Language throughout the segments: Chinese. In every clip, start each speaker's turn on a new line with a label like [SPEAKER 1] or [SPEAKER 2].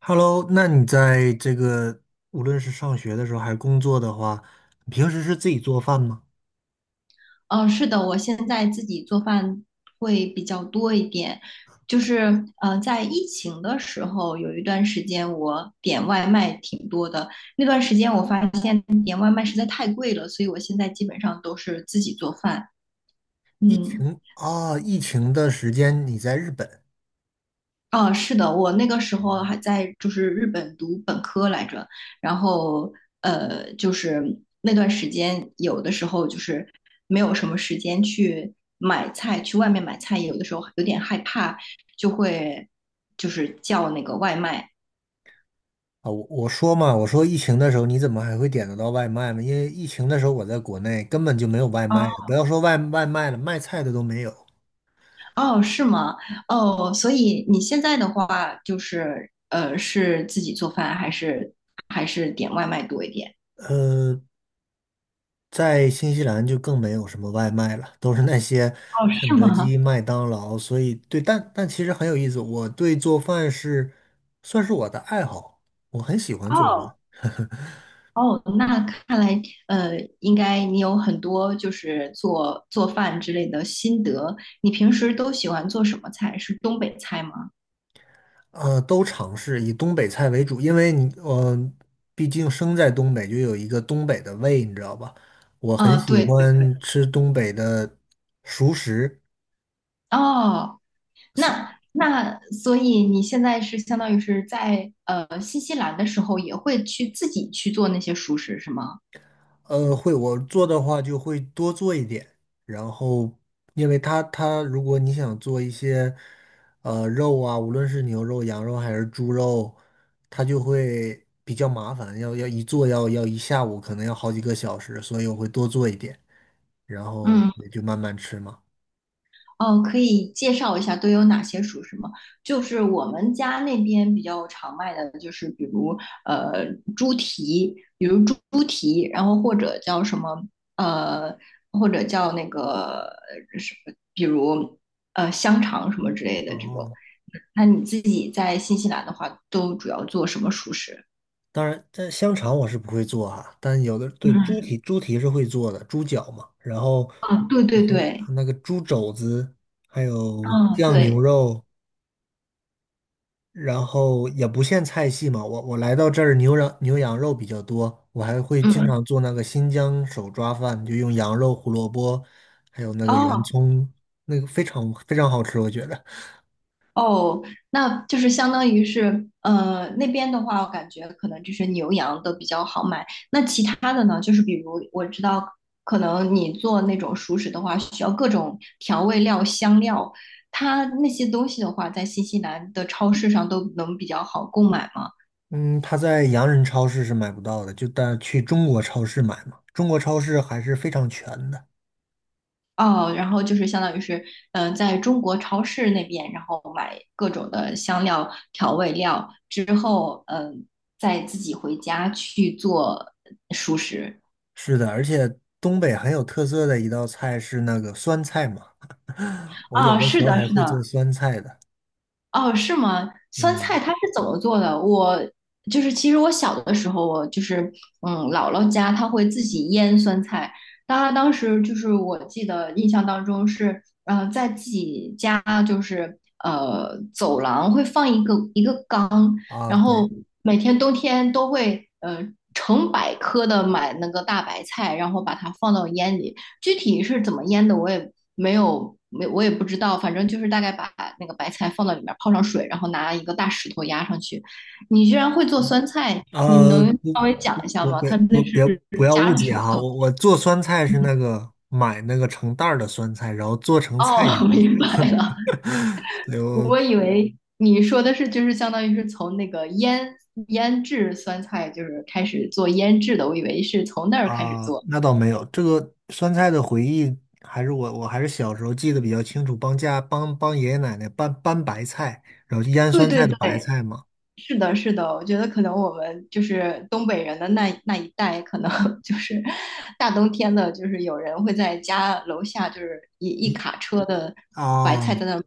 [SPEAKER 1] Hello，那你在这个无论是上学的时候还是工作的话，你平时是自己做饭吗？
[SPEAKER 2] 嗯，是的，我现在自己做饭会比较多一点。就是，在疫情的时候，有一段时间我点外卖挺多的。那段时间我发现点外卖实在太贵了，所以我现在基本上都是自己做饭。
[SPEAKER 1] 疫
[SPEAKER 2] 嗯。
[SPEAKER 1] 情啊，疫情的时间你在日本。
[SPEAKER 2] 哦，是的，我那个时候还在就是日本读本科来着，然后就是那段时间有的时候就是没有什么时间去买菜，去外面买菜，有的时候有点害怕，就会就是叫那个外卖。
[SPEAKER 1] 啊，我说嘛，我说疫情的时候你怎么还会点得到外卖呢？因为疫情的时候我在国内根本就没有外卖，
[SPEAKER 2] 哦，
[SPEAKER 1] 不要说外卖了，卖菜的都没有。
[SPEAKER 2] 哦，是吗？哦，所以你现在的话就是是自己做饭还是点外卖多一点？
[SPEAKER 1] 嗯。在新西兰就更没有什么外卖了，都是那些
[SPEAKER 2] 哦，
[SPEAKER 1] 肯
[SPEAKER 2] 是
[SPEAKER 1] 德
[SPEAKER 2] 吗？
[SPEAKER 1] 基、麦当劳。所以，对，但其实很有意思，我对做饭是算是我的爱好，我很喜欢做饭。
[SPEAKER 2] 哦。哦，那看来，应该你有很多就是做饭之类的心得。你平时都喜欢做什么菜？是东北菜吗？
[SPEAKER 1] 都尝试以东北菜为主，因为你，毕竟生在东北，就有一个东北的胃，你知道吧？我很
[SPEAKER 2] 啊、
[SPEAKER 1] 喜
[SPEAKER 2] 对对对。
[SPEAKER 1] 欢吃东北的熟食。
[SPEAKER 2] 哦，那所以你现在是相当于是在新西兰的时候，也会去自己去做那些熟食是吗？
[SPEAKER 1] 会，我做的话就会多做一点，然后因为它如果你想做一些肉啊，无论是牛肉、羊肉还是猪肉，它就会比较麻烦，要一做要一下午，可能要好几个小时，所以我会多做一点，然后
[SPEAKER 2] 嗯。
[SPEAKER 1] 也就慢慢吃嘛。
[SPEAKER 2] 哦，可以介绍一下都有哪些熟食吗？就是我们家那边比较常卖的，就是比如呃猪蹄，比如猪蹄，然后或者叫什么呃，或者叫那个什么，比如香肠什么之类的这种。
[SPEAKER 1] 哦，
[SPEAKER 2] 那你自己在新西兰的话，都主要做什么熟食？
[SPEAKER 1] 当然，这香肠我是不会做哈，但有的对猪
[SPEAKER 2] 嗯，
[SPEAKER 1] 蹄，猪蹄是会做的，猪脚嘛，然后
[SPEAKER 2] 啊，对
[SPEAKER 1] 还
[SPEAKER 2] 对
[SPEAKER 1] 会
[SPEAKER 2] 对，
[SPEAKER 1] 那个猪肘子，还有
[SPEAKER 2] 嗯，
[SPEAKER 1] 酱牛
[SPEAKER 2] 对，
[SPEAKER 1] 肉，然后也不限菜系嘛，我我来到这儿牛羊肉比较多，我还会经
[SPEAKER 2] 嗯，
[SPEAKER 1] 常做那个新疆手抓饭，就用羊肉、胡萝卜，还有那个圆
[SPEAKER 2] 哦，
[SPEAKER 1] 葱，那个非常非常好吃，我觉得。
[SPEAKER 2] 哦，那就是相当于是，那边的话，我感觉可能就是牛羊都比较好买。那其他的呢？就是比如我知道，可能你做那种熟食的话，需要各种调味料、香料，它那些东西的话，在新西兰的超市上都能比较好购买吗？
[SPEAKER 1] 嗯，它在洋人超市是买不到的，就但去中国超市买嘛，中国超市还是非常全的。
[SPEAKER 2] 哦，然后就是相当于是，在中国超市那边，然后买各种的香料、调味料之后，再自己回家去做熟食。
[SPEAKER 1] 是的，而且东北很有特色的一道菜是那个酸菜嘛，我有
[SPEAKER 2] 啊，
[SPEAKER 1] 的时
[SPEAKER 2] 是
[SPEAKER 1] 候
[SPEAKER 2] 的，
[SPEAKER 1] 还
[SPEAKER 2] 是
[SPEAKER 1] 会做
[SPEAKER 2] 的，
[SPEAKER 1] 酸菜的。
[SPEAKER 2] 哦，是吗？酸菜
[SPEAKER 1] 嗯，
[SPEAKER 2] 它是怎么做的？我就是其实我小的时候，我就是姥姥家她会自己腌酸菜。她当时就是我记得印象当中是，在自己家就是走廊会放一个缸。
[SPEAKER 1] 啊，
[SPEAKER 2] 然
[SPEAKER 1] 对。
[SPEAKER 2] 后每天冬天都会成百颗的买那个大白菜，然后把它放到腌里。具体是怎么腌的，我也没有没我也不知道，反正就是大概把那个白菜放到里面泡上水，然后拿一个大石头压上去。你居然会做酸菜，你
[SPEAKER 1] 啊，
[SPEAKER 2] 能
[SPEAKER 1] 不
[SPEAKER 2] 稍微讲一下
[SPEAKER 1] 我
[SPEAKER 2] 吗？
[SPEAKER 1] 别
[SPEAKER 2] 它那
[SPEAKER 1] 不
[SPEAKER 2] 是
[SPEAKER 1] 别不要
[SPEAKER 2] 加
[SPEAKER 1] 误
[SPEAKER 2] 了
[SPEAKER 1] 解
[SPEAKER 2] 什么
[SPEAKER 1] 哈，
[SPEAKER 2] 东
[SPEAKER 1] 我
[SPEAKER 2] 西？
[SPEAKER 1] 我做酸菜是那个买那个成袋儿的酸菜，然后做成菜
[SPEAKER 2] 哦，
[SPEAKER 1] 肴。
[SPEAKER 2] 明白了。
[SPEAKER 1] 对，我
[SPEAKER 2] 我以为你说的是，就是相当于是从那个腌制酸菜，就是开始做腌制的。我以为是从那儿开始
[SPEAKER 1] 啊、
[SPEAKER 2] 做。
[SPEAKER 1] 那倒没有，这个酸菜的回忆还是我还是小时候记得比较清楚，帮家帮帮爷爷奶奶搬白菜，然后就腌
[SPEAKER 2] 对
[SPEAKER 1] 酸
[SPEAKER 2] 对
[SPEAKER 1] 菜的白
[SPEAKER 2] 对，
[SPEAKER 1] 菜嘛。
[SPEAKER 2] 是的，是的。我觉得可能我们就是东北人的那一代，可能 就是大冬天的，就是有人会在家楼下，就是一一
[SPEAKER 1] 你
[SPEAKER 2] 卡车的白菜
[SPEAKER 1] 啊，
[SPEAKER 2] 在那儿卖，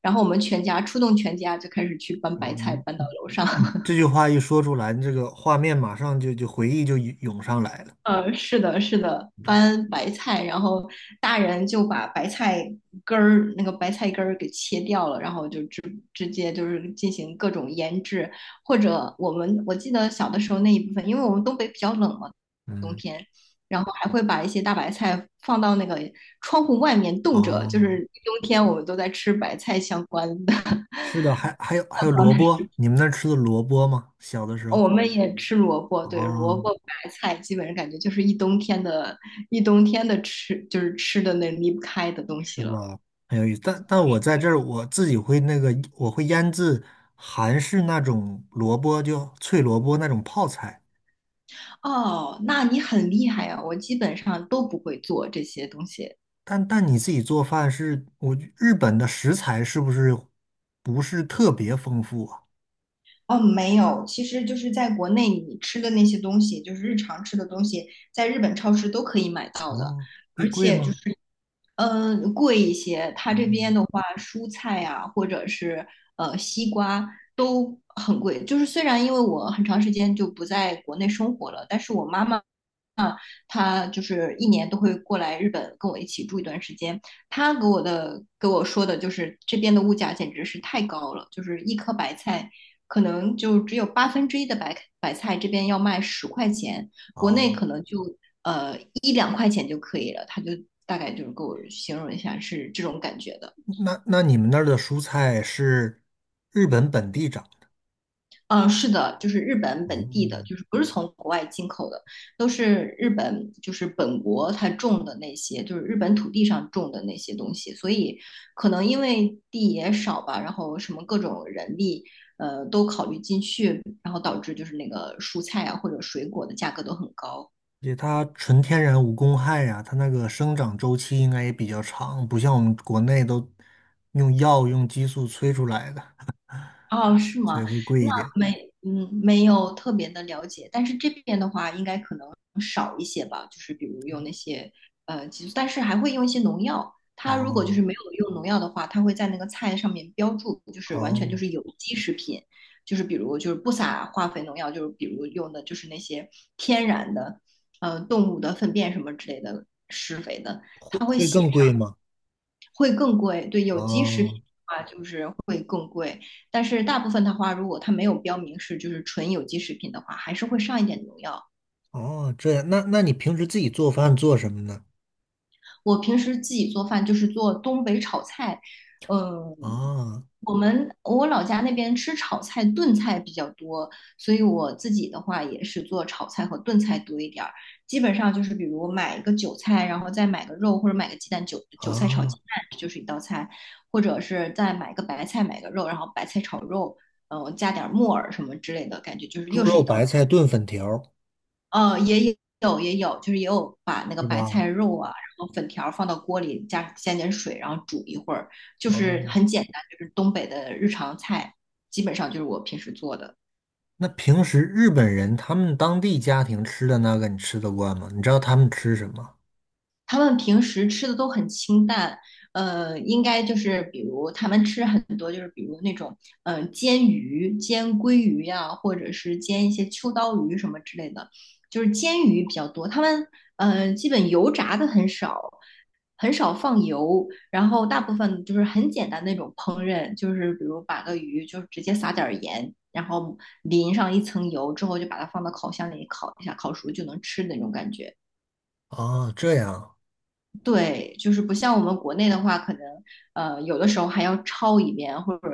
[SPEAKER 2] 然后我们全家出动，全家就开始去搬
[SPEAKER 1] 我
[SPEAKER 2] 白菜
[SPEAKER 1] 嗯
[SPEAKER 2] 搬到楼上。
[SPEAKER 1] 嗯这句话一说出来，这个画面马上就回忆就涌上来了。
[SPEAKER 2] 呃，是的，是的，翻白菜，然后大人就把白菜根儿给切掉了，然后就直接就是进行各种腌制，或者我记得小的时候那一部分，因为我们东北比较冷嘛，冬
[SPEAKER 1] 嗯，
[SPEAKER 2] 天，然后还会把一些大白菜放到那个窗户外面冻着，就是
[SPEAKER 1] 哦。
[SPEAKER 2] 冬天我们都在吃白菜相关的
[SPEAKER 1] 是的，还有还有萝卜，你们那儿吃的萝卜吗？小的时
[SPEAKER 2] 哦
[SPEAKER 1] 候，
[SPEAKER 2] 我们也吃萝卜，对，萝
[SPEAKER 1] 啊，
[SPEAKER 2] 卜白菜，基本上感觉就是一冬天的吃，就是吃的那离不开的东西
[SPEAKER 1] 是
[SPEAKER 2] 了。
[SPEAKER 1] 吧？很有意思。但我在这儿我自己会那个，我会腌制韩式那种萝卜，就脆萝卜那种泡菜。
[SPEAKER 2] 哦，那你很厉害啊，我基本上都不会做这些东西。
[SPEAKER 1] 但你自己做饭是，我日本的食材是不是不是特别丰富啊？
[SPEAKER 2] 哦，没有，其实就是在国内你吃的那些东西，就是日常吃的东西，在日本超市都可以买到的，
[SPEAKER 1] 哦，会
[SPEAKER 2] 而
[SPEAKER 1] 贵
[SPEAKER 2] 且就
[SPEAKER 1] 吗？
[SPEAKER 2] 是贵一些。它
[SPEAKER 1] 哦，
[SPEAKER 2] 这边的话，蔬菜呀、或者是西瓜都很贵。就是虽然因为我很长时间就不在国内生活了，但是我妈妈啊，他就是一年都会过来日本跟我一起住一段时间。他给我说的就是这边的物价简直是太高了，就是一颗白菜可能就只有1/8的白菜这边要卖10块钱，国
[SPEAKER 1] 哦，
[SPEAKER 2] 内可能就一两块钱就可以了。他就大概就是给我形容一下是这种感觉的。
[SPEAKER 1] 那那你们那儿的蔬菜是日本本地长？
[SPEAKER 2] 嗯，是的，就是日本本地的，就是不是从国外进口的，都是日本就是本国它种的那些，就是日本土地上种的那些东西，所以可能因为地也少吧，然后什么各种人力，都考虑进去，然后导致就是那个蔬菜啊或者水果的价格都很高。
[SPEAKER 1] 而且它纯天然无公害呀、它那个生长周期应该也比较长，不像我们国内都用药用激素催出来的，
[SPEAKER 2] 哦，是
[SPEAKER 1] 所以
[SPEAKER 2] 吗？
[SPEAKER 1] 会贵
[SPEAKER 2] 那
[SPEAKER 1] 一点。
[SPEAKER 2] 没有特别的了解，但是这边的话，应该可能少一些吧，就是比如用那些激素，但是还会用一些农药。它如果就
[SPEAKER 1] 哦
[SPEAKER 2] 是没有用农药的话，它会在那个菜上面标注，就是完全就
[SPEAKER 1] 哦，
[SPEAKER 2] 是有机食品，就是比如就是不撒化肥农药，就是比如用的就是那些天然的，动物的粪便什么之类的施肥的，
[SPEAKER 1] 会
[SPEAKER 2] 它会
[SPEAKER 1] 会
[SPEAKER 2] 写
[SPEAKER 1] 更贵
[SPEAKER 2] 上，
[SPEAKER 1] 吗？
[SPEAKER 2] 会更贵。对，有机食品
[SPEAKER 1] 哦
[SPEAKER 2] 的话，就是。但是大部分的话，如果它没有标明是就是纯有机食品的话，还是会上一点农药。
[SPEAKER 1] 哦，这样，那那你平时自己做饭做什么呢？
[SPEAKER 2] 我平时自己做饭就是做东北炒菜，嗯，
[SPEAKER 1] 啊
[SPEAKER 2] 我老家那边吃炒菜、炖菜比较多，所以我自己的话也是做炒菜和炖菜多一点儿。基本上就是比如买一个韭菜，然后再买个肉或者买个鸡蛋，韭菜炒鸡
[SPEAKER 1] 啊，
[SPEAKER 2] 蛋就是一道菜，或者是再买个白菜买个肉，然后白菜炒肉，加点木耳什么之类的，感觉就是
[SPEAKER 1] 猪
[SPEAKER 2] 又是
[SPEAKER 1] 肉
[SPEAKER 2] 一道
[SPEAKER 1] 白菜炖粉条儿
[SPEAKER 2] 也有也有，就是也有把那个
[SPEAKER 1] 是
[SPEAKER 2] 白
[SPEAKER 1] 吧？
[SPEAKER 2] 菜肉啊，然后粉条放到锅里，加点水，然后煮一会儿，就
[SPEAKER 1] 哦，
[SPEAKER 2] 是很简单，就是东北的日常菜，基本上就是我平时做的。
[SPEAKER 1] 那平时日本人他们当地家庭吃的那个你吃得惯吗？你知道他们吃什么？
[SPEAKER 2] 他们平时吃的都很清淡，应该就是比如他们吃很多，就是比如那种煎鱼、煎鲑鱼呀、或者是煎一些秋刀鱼什么之类的，就是煎鱼比较多。他们基本油炸的很少，很少放油，然后大部分就是很简单那种烹饪，就是比如把个鱼就是直接撒点儿盐。然后淋上一层油之后，就把它放到烤箱里烤一下，烤熟就能吃的那种感觉。
[SPEAKER 1] 啊，这样。
[SPEAKER 2] 对，就是不像我们国内的话，可能有的时候还要焯一遍，或者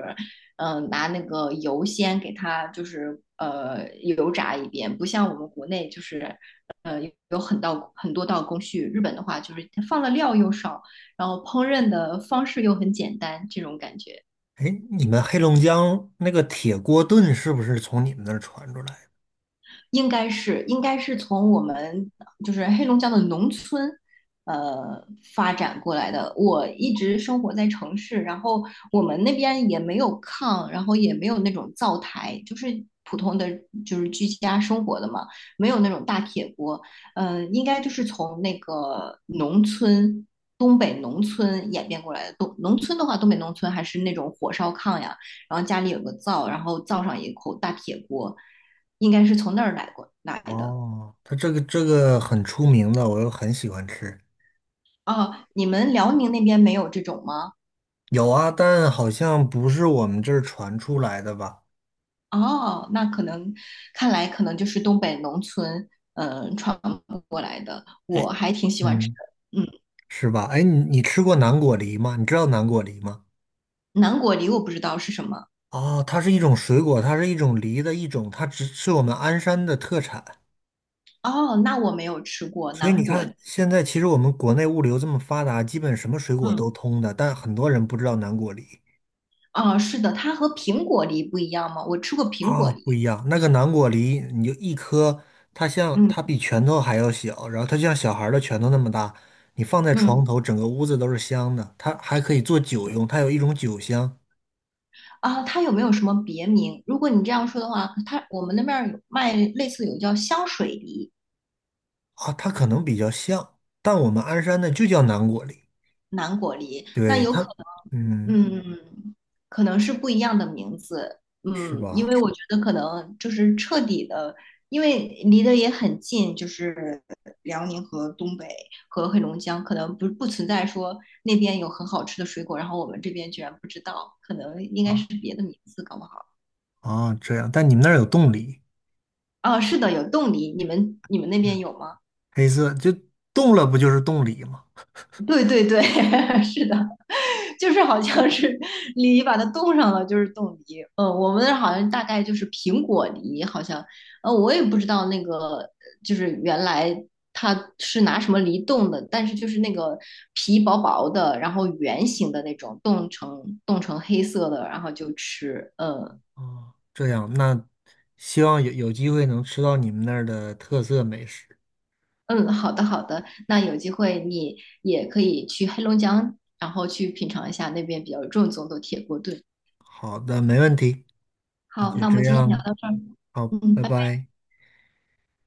[SPEAKER 2] 拿那个油先给它就是油炸一遍，不像我们国内就是呃有很多道工序。日本的话就是放的料又少，然后烹饪的方式又很简单，这种感觉。
[SPEAKER 1] 哎，你们黑龙江那个铁锅炖是不是从你们那儿传出来的？
[SPEAKER 2] 应该是从我们就是黑龙江的农村，呃，发展过来的。我一直生活在城市，然后我们那边也没有炕，然后也没有那种灶台，就是普通的就是居家生活的嘛，没有那种大铁锅。应该就是从那个农村。东北农村演变过来的，东北农村还是那种火烧炕呀，然后家里有个灶，然后灶上有一口大铁锅，应该是从那儿过来的。
[SPEAKER 1] 哦，它这个这个很出名的，我又很喜欢吃。
[SPEAKER 2] 哦，你们辽宁那边没有这种吗？
[SPEAKER 1] 有啊，但好像不是我们这儿传出来的吧？
[SPEAKER 2] 哦，那可能看来可能就是东北农村传过来的，我
[SPEAKER 1] 哎，
[SPEAKER 2] 还挺喜欢吃
[SPEAKER 1] 嗯，
[SPEAKER 2] 的。嗯，
[SPEAKER 1] 是吧？哎，你吃过南果梨吗？你知道南果梨吗？
[SPEAKER 2] 南果梨我不知道是什么。
[SPEAKER 1] 啊，它是一种水果，它是一种梨的一种，它只是我们鞍山的特产。
[SPEAKER 2] 哦，那我没有吃过
[SPEAKER 1] 所以你
[SPEAKER 2] 南果
[SPEAKER 1] 看，
[SPEAKER 2] 梨。
[SPEAKER 1] 现在其实我们国内物流这么发达，基本什么水果
[SPEAKER 2] 嗯，
[SPEAKER 1] 都通的，但很多人不知道南果梨。
[SPEAKER 2] 哦，是的，它和苹果梨不一样吗？我吃过苹果
[SPEAKER 1] 啊，不
[SPEAKER 2] 梨。
[SPEAKER 1] 一样。那个南果梨，你就一颗，它像它
[SPEAKER 2] 嗯
[SPEAKER 1] 比拳头还要小，然后它就像小孩儿的拳头那么大。你放在床
[SPEAKER 2] 嗯。
[SPEAKER 1] 头，整个屋子都是香的。它还可以做酒用，它有一种酒香
[SPEAKER 2] 啊，它有没有什么别名？如果你这样说的话，它我们那边儿有卖类似有叫香水梨、
[SPEAKER 1] 啊，它可能比较像，但我们鞍山的就叫南果梨。
[SPEAKER 2] 南果梨，那
[SPEAKER 1] 对
[SPEAKER 2] 有可
[SPEAKER 1] 它，
[SPEAKER 2] 能，
[SPEAKER 1] 嗯，
[SPEAKER 2] 可能是不一样的名字，
[SPEAKER 1] 是
[SPEAKER 2] 因
[SPEAKER 1] 吧？
[SPEAKER 2] 为我觉得可能就是彻底的，因为离得也很近，就是辽宁和东北和黑龙江，可能不存在说那边有很好吃的水果，然后我们这边居然不知道，可能应该是
[SPEAKER 1] 啊
[SPEAKER 2] 别的名字，搞不好。
[SPEAKER 1] 啊，这样。但你们那儿有冻梨，
[SPEAKER 2] 啊，是的，有冻梨，你们那边
[SPEAKER 1] 嗯，
[SPEAKER 2] 有吗？
[SPEAKER 1] 黑色就冻了，不就是冻梨吗？
[SPEAKER 2] 对对对，是的，就是好像是梨把它冻上了，就是冻梨。嗯，我们那儿好像大概就是苹果梨，好像，我也不知道那个就是原来它是拿什么梨冻的，但是就是那个皮薄薄的，然后圆形的那种，冻成黑色的，然后就吃。嗯
[SPEAKER 1] 啊，这样。那希望有机会能吃到你们那儿的特色美食。
[SPEAKER 2] 嗯，好的好的，那有机会你也可以去黑龙江，然后去品尝一下那边比较正宗的铁锅炖。
[SPEAKER 1] 好的，没问题，那
[SPEAKER 2] 好，
[SPEAKER 1] 就
[SPEAKER 2] 那我
[SPEAKER 1] 这
[SPEAKER 2] 们今天聊
[SPEAKER 1] 样，
[SPEAKER 2] 到这儿，
[SPEAKER 1] 好，
[SPEAKER 2] 嗯，
[SPEAKER 1] 拜
[SPEAKER 2] 拜拜。
[SPEAKER 1] 拜。